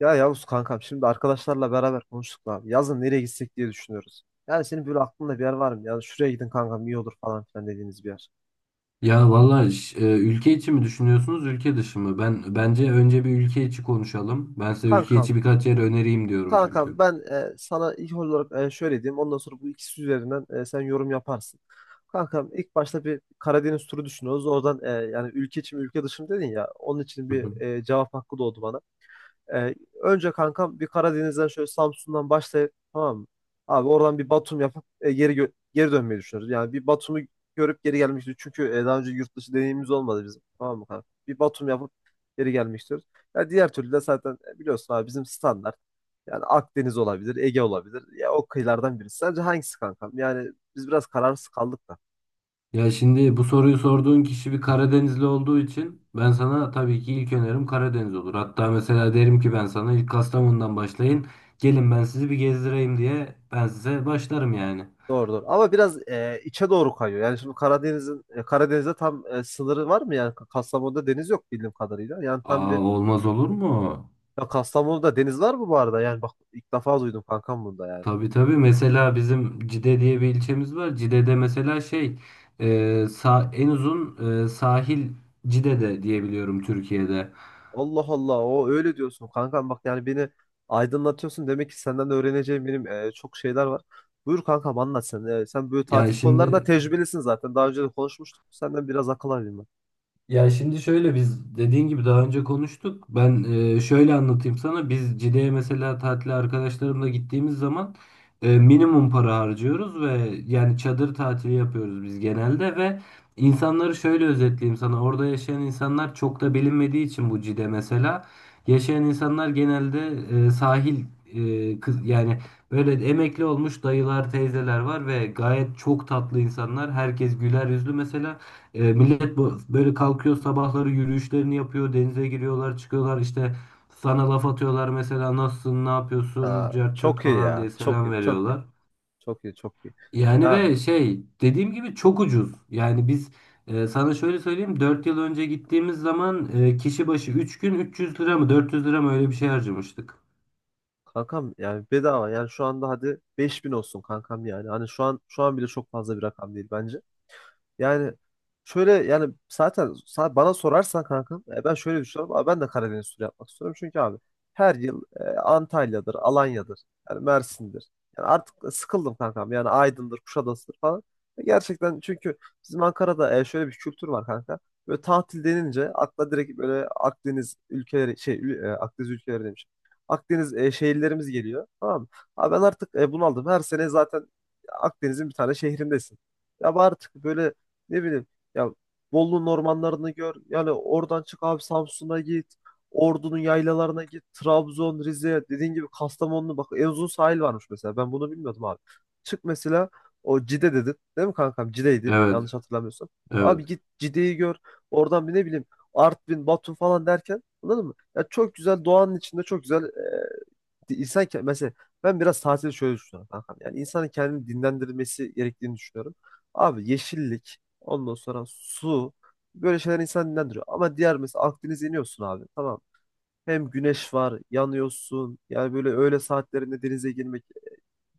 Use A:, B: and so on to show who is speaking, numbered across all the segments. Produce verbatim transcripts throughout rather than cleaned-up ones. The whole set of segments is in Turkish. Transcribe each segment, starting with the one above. A: Ya Yavuz kankam şimdi arkadaşlarla beraber konuştuk da abi. Yazın nereye gitsek diye düşünüyoruz. Yani senin böyle aklında bir yer var mı? Yani şuraya gidin kankam iyi olur falan filan dediğiniz bir yer.
B: Ya valla ş- e, ülke içi mi düşünüyorsunuz, ülke dışı mı? Ben bence önce bir ülke içi konuşalım. Ben size ülke içi
A: Kankam,
B: birkaç yer önereyim diyorum
A: kankam
B: çünkü.
A: ben e, sana ilk olarak e, şöyle diyeyim. Ondan sonra bu ikisi üzerinden e, sen yorum yaparsın. Kankam ilk başta bir Karadeniz turu düşünüyoruz. Oradan e, yani ülke içi mi ülke dışı mı dedin ya. Onun için
B: Hı hı.
A: bir e, cevap hakkı doğdu bana. Ee, Önce kankam bir Karadeniz'den şöyle Samsun'dan başlayıp tamam mı? Abi oradan bir Batum yapıp e, geri gö- geri dönmeyi düşünüyoruz. Yani bir Batum'u görüp geri gelmek istiyoruz. Çünkü e, daha önce yurt dışı deneyimimiz olmadı bizim. Tamam mı kanka? Bir Batum yapıp geri gelmek istiyoruz. Ya diğer türlü de zaten e, biliyorsun abi bizim standart. Yani Akdeniz olabilir, Ege olabilir. Ya o kıyılardan birisi. Sence hangisi kankam? Yani biz biraz kararsız kaldık.
B: Ya şimdi bu soruyu sorduğun kişi bir Karadenizli olduğu için ben sana tabii ki ilk önerim Karadeniz olur. Hatta mesela derim ki ben sana ilk Kastamonu'dan başlayın. Gelin ben sizi bir gezdireyim diye ben size başlarım yani.
A: Doğrudur. Ama biraz e, içe doğru kayıyor. Yani şimdi Karadeniz'in e, Karadeniz'de tam e, sınırı var mı? Yani Kastamonu'da deniz yok bildiğim kadarıyla. Yani tam bir
B: Aa, olmaz olur mu?
A: ya Kastamonu'da deniz var mı bu arada? Yani bak ilk defa duydum kankam bunda yani.
B: Tabii tabii, mesela bizim Cide diye bir ilçemiz var. Cide'de mesela şey e, sa en uzun e, sahil Cide'de diyebiliyorum Türkiye'de.
A: Allah Allah o öyle diyorsun kankam bak yani beni aydınlatıyorsun. Demek ki senden öğreneceğim benim e, çok şeyler var. Buyur kankam anlat sen. E, sen böyle
B: Ya
A: tatil konularında
B: şimdi
A: tecrübelisin zaten. Daha önce de konuşmuştuk. Senden biraz akıl alayım ben.
B: Ya şimdi şöyle, biz dediğin gibi daha önce konuştuk. Ben e, şöyle anlatayım sana. Biz Cide'ye mesela tatile arkadaşlarımla gittiğimiz zaman e, minimum para harcıyoruz ve yani çadır tatili yapıyoruz biz genelde. Ve insanları şöyle özetleyeyim sana. Orada yaşayan insanlar çok da bilinmediği için bu Cide mesela. Yaşayan insanlar genelde e, sahil e, kız yani böyle emekli olmuş dayılar, teyzeler var ve gayet çok tatlı insanlar. Herkes güler yüzlü mesela. E, millet bu böyle kalkıyor, sabahları yürüyüşlerini yapıyor, denize giriyorlar, çıkıyorlar, işte sana laf atıyorlar mesela, nasılsın, ne yapıyorsun,
A: Ha,
B: cart curt
A: çok iyi
B: falan
A: ya.
B: diye
A: Çok
B: selam
A: iyi. Çok iyi.
B: veriyorlar.
A: Çok iyi. Çok iyi.
B: Yani
A: Ya
B: ve şey, dediğim gibi çok ucuz. Yani biz, e, sana şöyle söyleyeyim, dört yıl önce gittiğimiz zaman e, kişi başı üç gün üç yüz lira mı dört yüz lira mı, öyle bir şey harcamıştık.
A: kankam yani bedava yani şu anda hadi beş bin olsun kankam yani. Hani şu an şu an bile çok fazla bir rakam değil bence. Yani şöyle yani zaten sa- bana sorarsan kankam e, ben şöyle düşünüyorum. Abi ben de Karadeniz turu yapmak istiyorum. Çünkü abi her yıl e, Antalya'dır, Alanya'dır, yani Mersin'dir. Yani artık sıkıldım kankam. Yani Aydın'dır, Kuşadası'dır falan. E, Gerçekten çünkü bizim Ankara'da e, şöyle bir kültür var kanka. Böyle tatil denince akla direkt böyle Akdeniz ülkeleri şey ül- e, Akdeniz ülkeleri demiş. Akdeniz e, şehirlerimiz geliyor. Tamam mı? Abi ben artık e, bunaldım. Her sene zaten Akdeniz'in bir tane şehrindesin. Ya bu artık böyle ne bileyim ya Bolu'nun ormanlarını gör. Yani oradan çık abi Samsun'a git. Ordu'nun yaylalarına git. Trabzon, Rize, dediğin gibi Kastamonu'nu bak en uzun sahil varmış mesela. Ben bunu bilmiyordum abi. Çık mesela o Cide dedin. Değil mi kankam? Cide'ydi.
B: Evet,
A: Yanlış hatırlamıyorsam.
B: evet.
A: Abi git Cide'yi gör. Oradan bir ne bileyim Artvin, Batum falan derken anladın mı? Ya çok güzel doğanın içinde çok güzel İnsan ke- mesela ben biraz tatili şöyle düşünüyorum kankam. Yani insanın kendini dinlendirmesi gerektiğini düşünüyorum. Abi yeşillik, ondan sonra su böyle şeyler insanı dinlendiriyor. Ama diğer mesela Akdeniz'e iniyorsun abi tamam. Hem güneş var, yanıyorsun. Yani böyle öğle saatlerinde denize girmek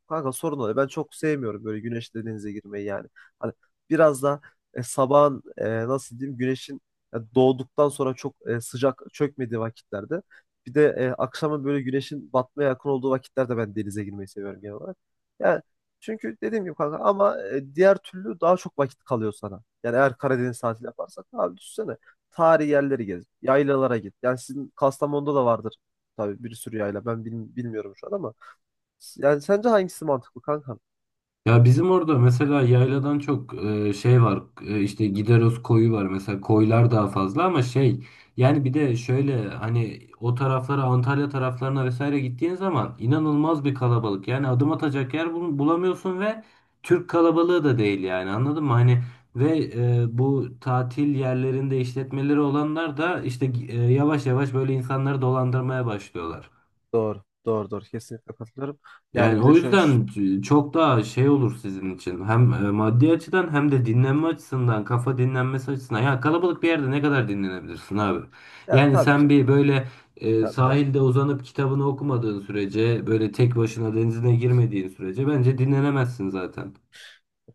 A: kanka sorun oluyor. Ben çok sevmiyorum böyle güneşli denize girmeyi yani. Hani biraz da e, sabahın e, nasıl diyeyim güneşin e, doğduktan sonra çok e, sıcak çökmediği vakitlerde. Bir de e, akşamın böyle güneşin batmaya yakın olduğu vakitlerde ben denize girmeyi seviyorum genel olarak. Yani çünkü dediğim gibi kanka ama e, diğer türlü daha çok vakit kalıyor sana. Yani eğer Karadeniz tatili yaparsak abi düşünsene. Tarihi yerleri gez, yaylalara git. Yani sizin Kastamonu'da da vardır tabii bir sürü yayla. Ben bil- bilmiyorum şu an ama. Yani sence hangisi mantıklı kanka?
B: Ya bizim orada mesela yayladan çok e, şey var, e, işte Gideros koyu var mesela, koylar daha fazla. Ama şey, yani bir de şöyle, hani o taraflara, Antalya taraflarına vesaire gittiğin zaman inanılmaz bir kalabalık, yani adım atacak yer bul- bulamıyorsun ve Türk kalabalığı da değil yani, anladın mı hani. Ve e, bu tatil yerlerinde işletmeleri olanlar da işte e, yavaş yavaş böyle insanları dolandırmaya başlıyorlar.
A: Doğru. Doğru doğru. Kesinlikle katılıyorum. Yani
B: Yani
A: bir de
B: o
A: şöyle.
B: yüzden çok daha şey olur sizin için. Hem e, maddi açıdan hem de dinlenme açısından, kafa dinlenmesi açısından. Ya kalabalık bir yerde ne kadar dinlenebilirsin abi?
A: Ya
B: Yani
A: tabii ki.
B: sen bir böyle e,
A: Tabii tabii.
B: sahilde uzanıp kitabını okumadığın sürece, böyle tek başına denizine girmediğin sürece bence dinlenemezsin zaten.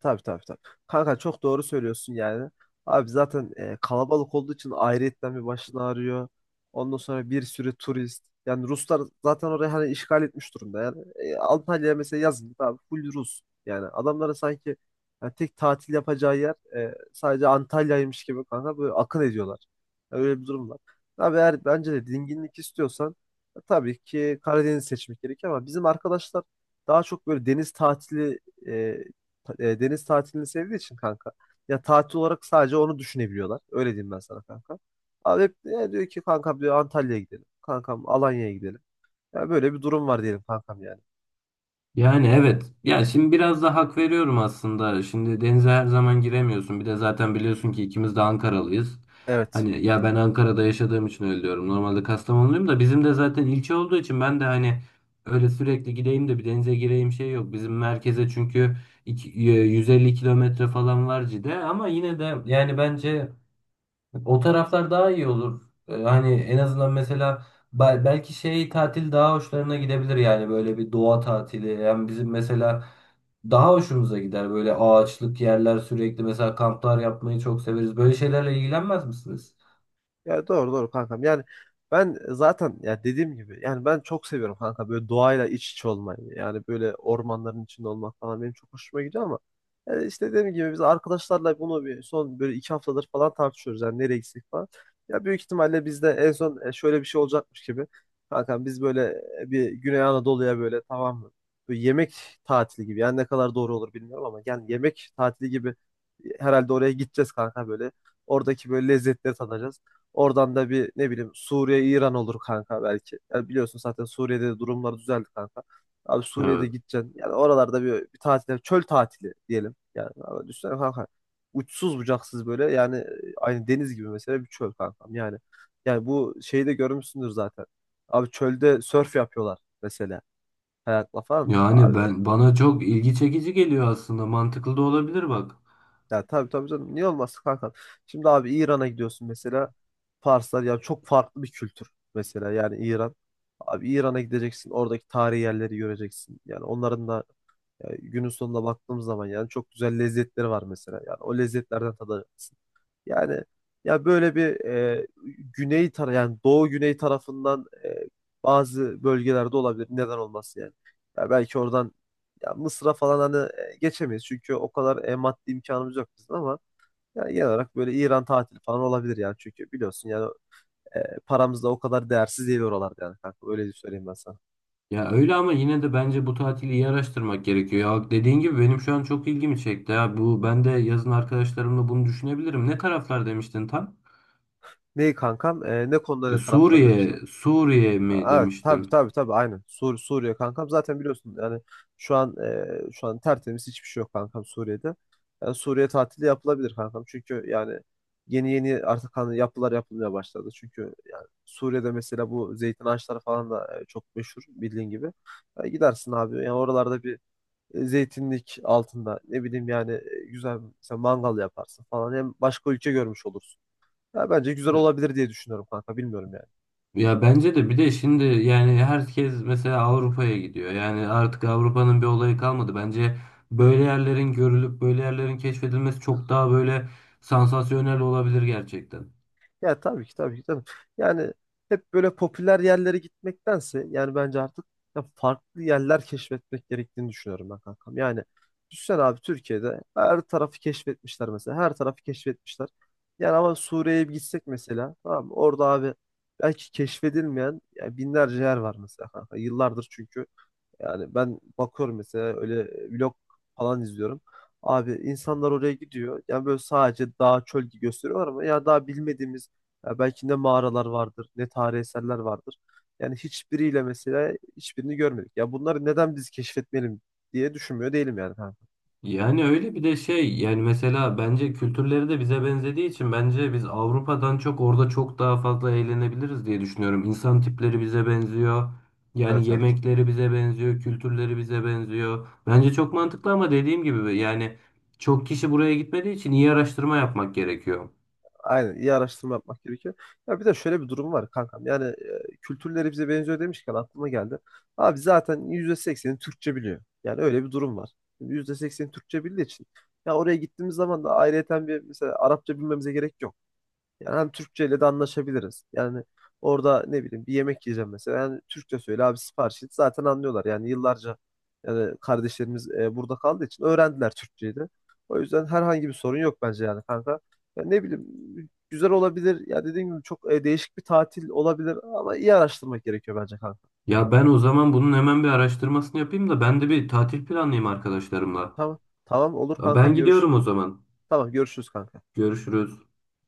A: Tabii, tabii, tabii. Kanka çok doğru söylüyorsun yani. Abi zaten e, kalabalık olduğu için ayrıyetten bir başını ağrıyor. Ondan sonra bir sürü turist. Yani Ruslar zaten orayı hani işgal etmiş durumda. Yani e, Antalya'ya mesela yazın abi full Rus. Yani adamlara sanki yani tek tatil yapacağı yer e, sadece Antalya'ymış gibi kanka böyle akın ediyorlar. Yani öyle bir durum var. Abi eğer bence de dinginlik istiyorsan e, tabii ki Karadeniz seçmek gerek ama bizim arkadaşlar daha çok böyle deniz tatili e, e, deniz tatilini sevdiği için kanka. Ya tatil olarak sadece onu düşünebiliyorlar. Öyle diyeyim ben sana kanka. Abi hep e, diyor ki kankam diyor Antalya'ya gidelim. Kankam Alanya'ya gidelim. Ya böyle bir durum var diyelim kankam yani.
B: Yani evet. Ya şimdi biraz da hak veriyorum aslında. Şimdi denize her zaman giremiyorsun. Bir de zaten biliyorsun ki ikimiz de Ankaralıyız.
A: Evet.
B: Hani ya, ben Ankara'da yaşadığım için öyle diyorum. Normalde Kastamonluyum da, bizim de zaten ilçe olduğu için, ben de hani öyle sürekli gideyim de bir denize gireyim, şey yok. Bizim merkeze çünkü iki- e, yüz elli kilometre falan var Cide, ama yine de yani bence o taraflar daha iyi olur. Ee, Hani en azından mesela bel- belki şey, tatil daha hoşlarına gidebilir, yani böyle bir doğa tatili. Yani bizim mesela daha hoşumuza gider böyle ağaçlık yerler, sürekli mesela kamplar yapmayı çok severiz. Böyle şeylerle ilgilenmez misiniz?
A: Ya doğru doğru kankam. Yani ben zaten ya dediğim gibi yani ben çok seviyorum kanka böyle doğayla iç içe olmayı. Yani böyle ormanların içinde olmak falan benim çok hoşuma gidiyor ama yani işte dediğim gibi biz arkadaşlarla bunu bir son böyle iki haftadır falan tartışıyoruz. Yani nereye gitsek falan. Ya büyük ihtimalle bizde en son e, şöyle bir şey olacakmış gibi. Kankam biz böyle e, bir Güney Anadolu'ya böyle tamam mı? Böyle yemek tatili gibi. Yani ne kadar doğru olur bilmiyorum ama yani yemek tatili gibi e, herhalde oraya gideceğiz kanka böyle. Oradaki böyle lezzetleri tadacağız. Oradan da bir ne bileyim Suriye, İran olur kanka belki. Yani biliyorsun zaten Suriye'de de durumlar düzeldi kanka. Abi Suriye'de
B: Evet.
A: gideceksin. Yani oralarda bir, bir tatil, çöl tatili diyelim. Yani abi düşünsene kanka. Uçsuz bucaksız böyle yani e, aynı deniz gibi mesela bir çöl kankam. Yani yani bu şeyi de görmüşsündür zaten. Abi çölde sörf yapıyorlar mesela. Kayakla falan.
B: Yani
A: Abi,
B: ben, bana çok ilgi çekici geliyor aslında. Mantıklı da olabilir bak.
A: ya tabii tabii canım. Niye olmasın kanka? Şimdi abi İran'a gidiyorsun mesela. Farslar ya çok farklı bir kültür mesela yani İran. Abi İran'a gideceksin, oradaki tarihi yerleri göreceksin. Yani onların da e, günün sonunda baktığımız zaman yani çok güzel lezzetleri var mesela. Yani o lezzetlerden tadacaksın. Yani ya böyle bir e, güney tara yani doğu güney tarafından e, bazı bölgelerde olabilir. Neden olmasın yani? Ya belki oradan ya Mısır'a falan hani e, geçemeyiz çünkü o kadar e, maddi imkanımız yok bizim ama yani genel olarak böyle İran tatili falan olabilir yani. Çünkü biliyorsun yani e, paramız da o kadar değersiz değil oralarda yani kanka. Öyle söyleyeyim ben sana.
B: Ya öyle, ama yine de bence bu tatili iyi araştırmak gerekiyor. Ya dediğin gibi benim şu an çok ilgimi çekti. Ya bu, ben de yazın arkadaşlarımla bunu düşünebilirim. Ne taraflar demiştin tam?
A: Neyi kankam? E, ne konuda
B: Ya
A: ne tarafları
B: Suriye,
A: demiştim.
B: Suriye mi
A: Ha, evet, tabii,
B: demiştin?
A: tabii, tabii, aynen. Sur Suriye kankam zaten biliyorsun yani şu an e, şu an tertemiz hiçbir şey yok kankam Suriye'de. Yani Suriye tatili yapılabilir kankam. Çünkü yani yeni yeni artık hani yapılar yapılmaya başladı. Çünkü yani Suriye'de mesela bu zeytin ağaçları falan da e, çok meşhur bildiğin gibi. Ya gidersin abi. Yani oralarda bir e, zeytinlik altında ne bileyim yani e, güzel mesela mangal yaparsın falan hem başka ülke görmüş olursun. Ya bence güzel
B: Ya
A: olabilir diye düşünüyorum kanka bilmiyorum yani.
B: ya, bence de, bir de şimdi yani herkes mesela Avrupa'ya gidiyor. Yani artık Avrupa'nın bir olayı kalmadı. Bence böyle yerlerin görülüp böyle yerlerin keşfedilmesi çok daha böyle sansasyonel olabilir gerçekten.
A: Ya tabii ki tabii ki canım. Yani hep böyle popüler yerlere gitmektense yani bence artık ya farklı yerler keşfetmek gerektiğini düşünüyorum ben kankam. Yani düşünsene abi Türkiye'de her tarafı keşfetmişler mesela. Her tarafı keşfetmişler. Yani ama Suriye'ye bir gitsek mesela tamam mı? Orada abi belki keşfedilmeyen ya binlerce yer var mesela kanka. Yıllardır çünkü yani ben bakıyorum mesela öyle e, vlog falan izliyorum. Abi insanlar oraya gidiyor. Yani böyle sadece dağ çöl gibi gösteriyorlar ama ya daha bilmediğimiz ya belki ne mağaralar vardır, ne tarihi eserler vardır. Yani hiçbiriyle mesela hiçbirini görmedik. Ya bunları neden biz keşfetmeyelim diye düşünmüyor değilim yani. Ha.
B: Yani öyle, bir de şey, yani mesela bence kültürleri de bize benzediği için bence biz Avrupa'dan çok orada çok daha fazla eğlenebiliriz diye düşünüyorum. İnsan tipleri bize benziyor. Yani
A: Evet, evet.
B: yemekleri bize benziyor, kültürleri bize benziyor. Bence çok mantıklı, ama dediğim gibi yani çok kişi buraya gitmediği için iyi araştırma yapmak gerekiyor.
A: Aynen, iyi araştırma yapmak gerekiyor. Ya bir de şöyle bir durum var kankam. Yani e, kültürleri bize benziyor demişken aklıma geldi. Abi zaten yüzde sekseni Türkçe biliyor. Yani öyle bir durum var. Şimdi yüzde sekseni Türkçe bildiği için. Ya oraya gittiğimiz zaman da ayrıyeten bir mesela Arapça bilmemize gerek yok. Yani hem Türkçe ile de anlaşabiliriz. Yani orada ne bileyim bir yemek yiyeceğim mesela. Yani Türkçe söyle abi sipariş et. Zaten anlıyorlar. Yani yıllarca yani kardeşlerimiz e, burada kaldığı için öğrendiler Türkçeyi de. O yüzden herhangi bir sorun yok bence yani kanka. Ya ne bileyim güzel olabilir. Ya dediğim gibi çok e, değişik bir tatil olabilir ama iyi araştırmak gerekiyor bence kanka.
B: Ya ben o zaman bunun hemen bir araştırmasını yapayım da, ben de bir tatil planlayayım arkadaşlarımla.
A: Tamam. Tamam olur
B: Ben
A: kankam görüş.
B: gidiyorum o zaman.
A: Tamam görüşürüz kanka.
B: Görüşürüz.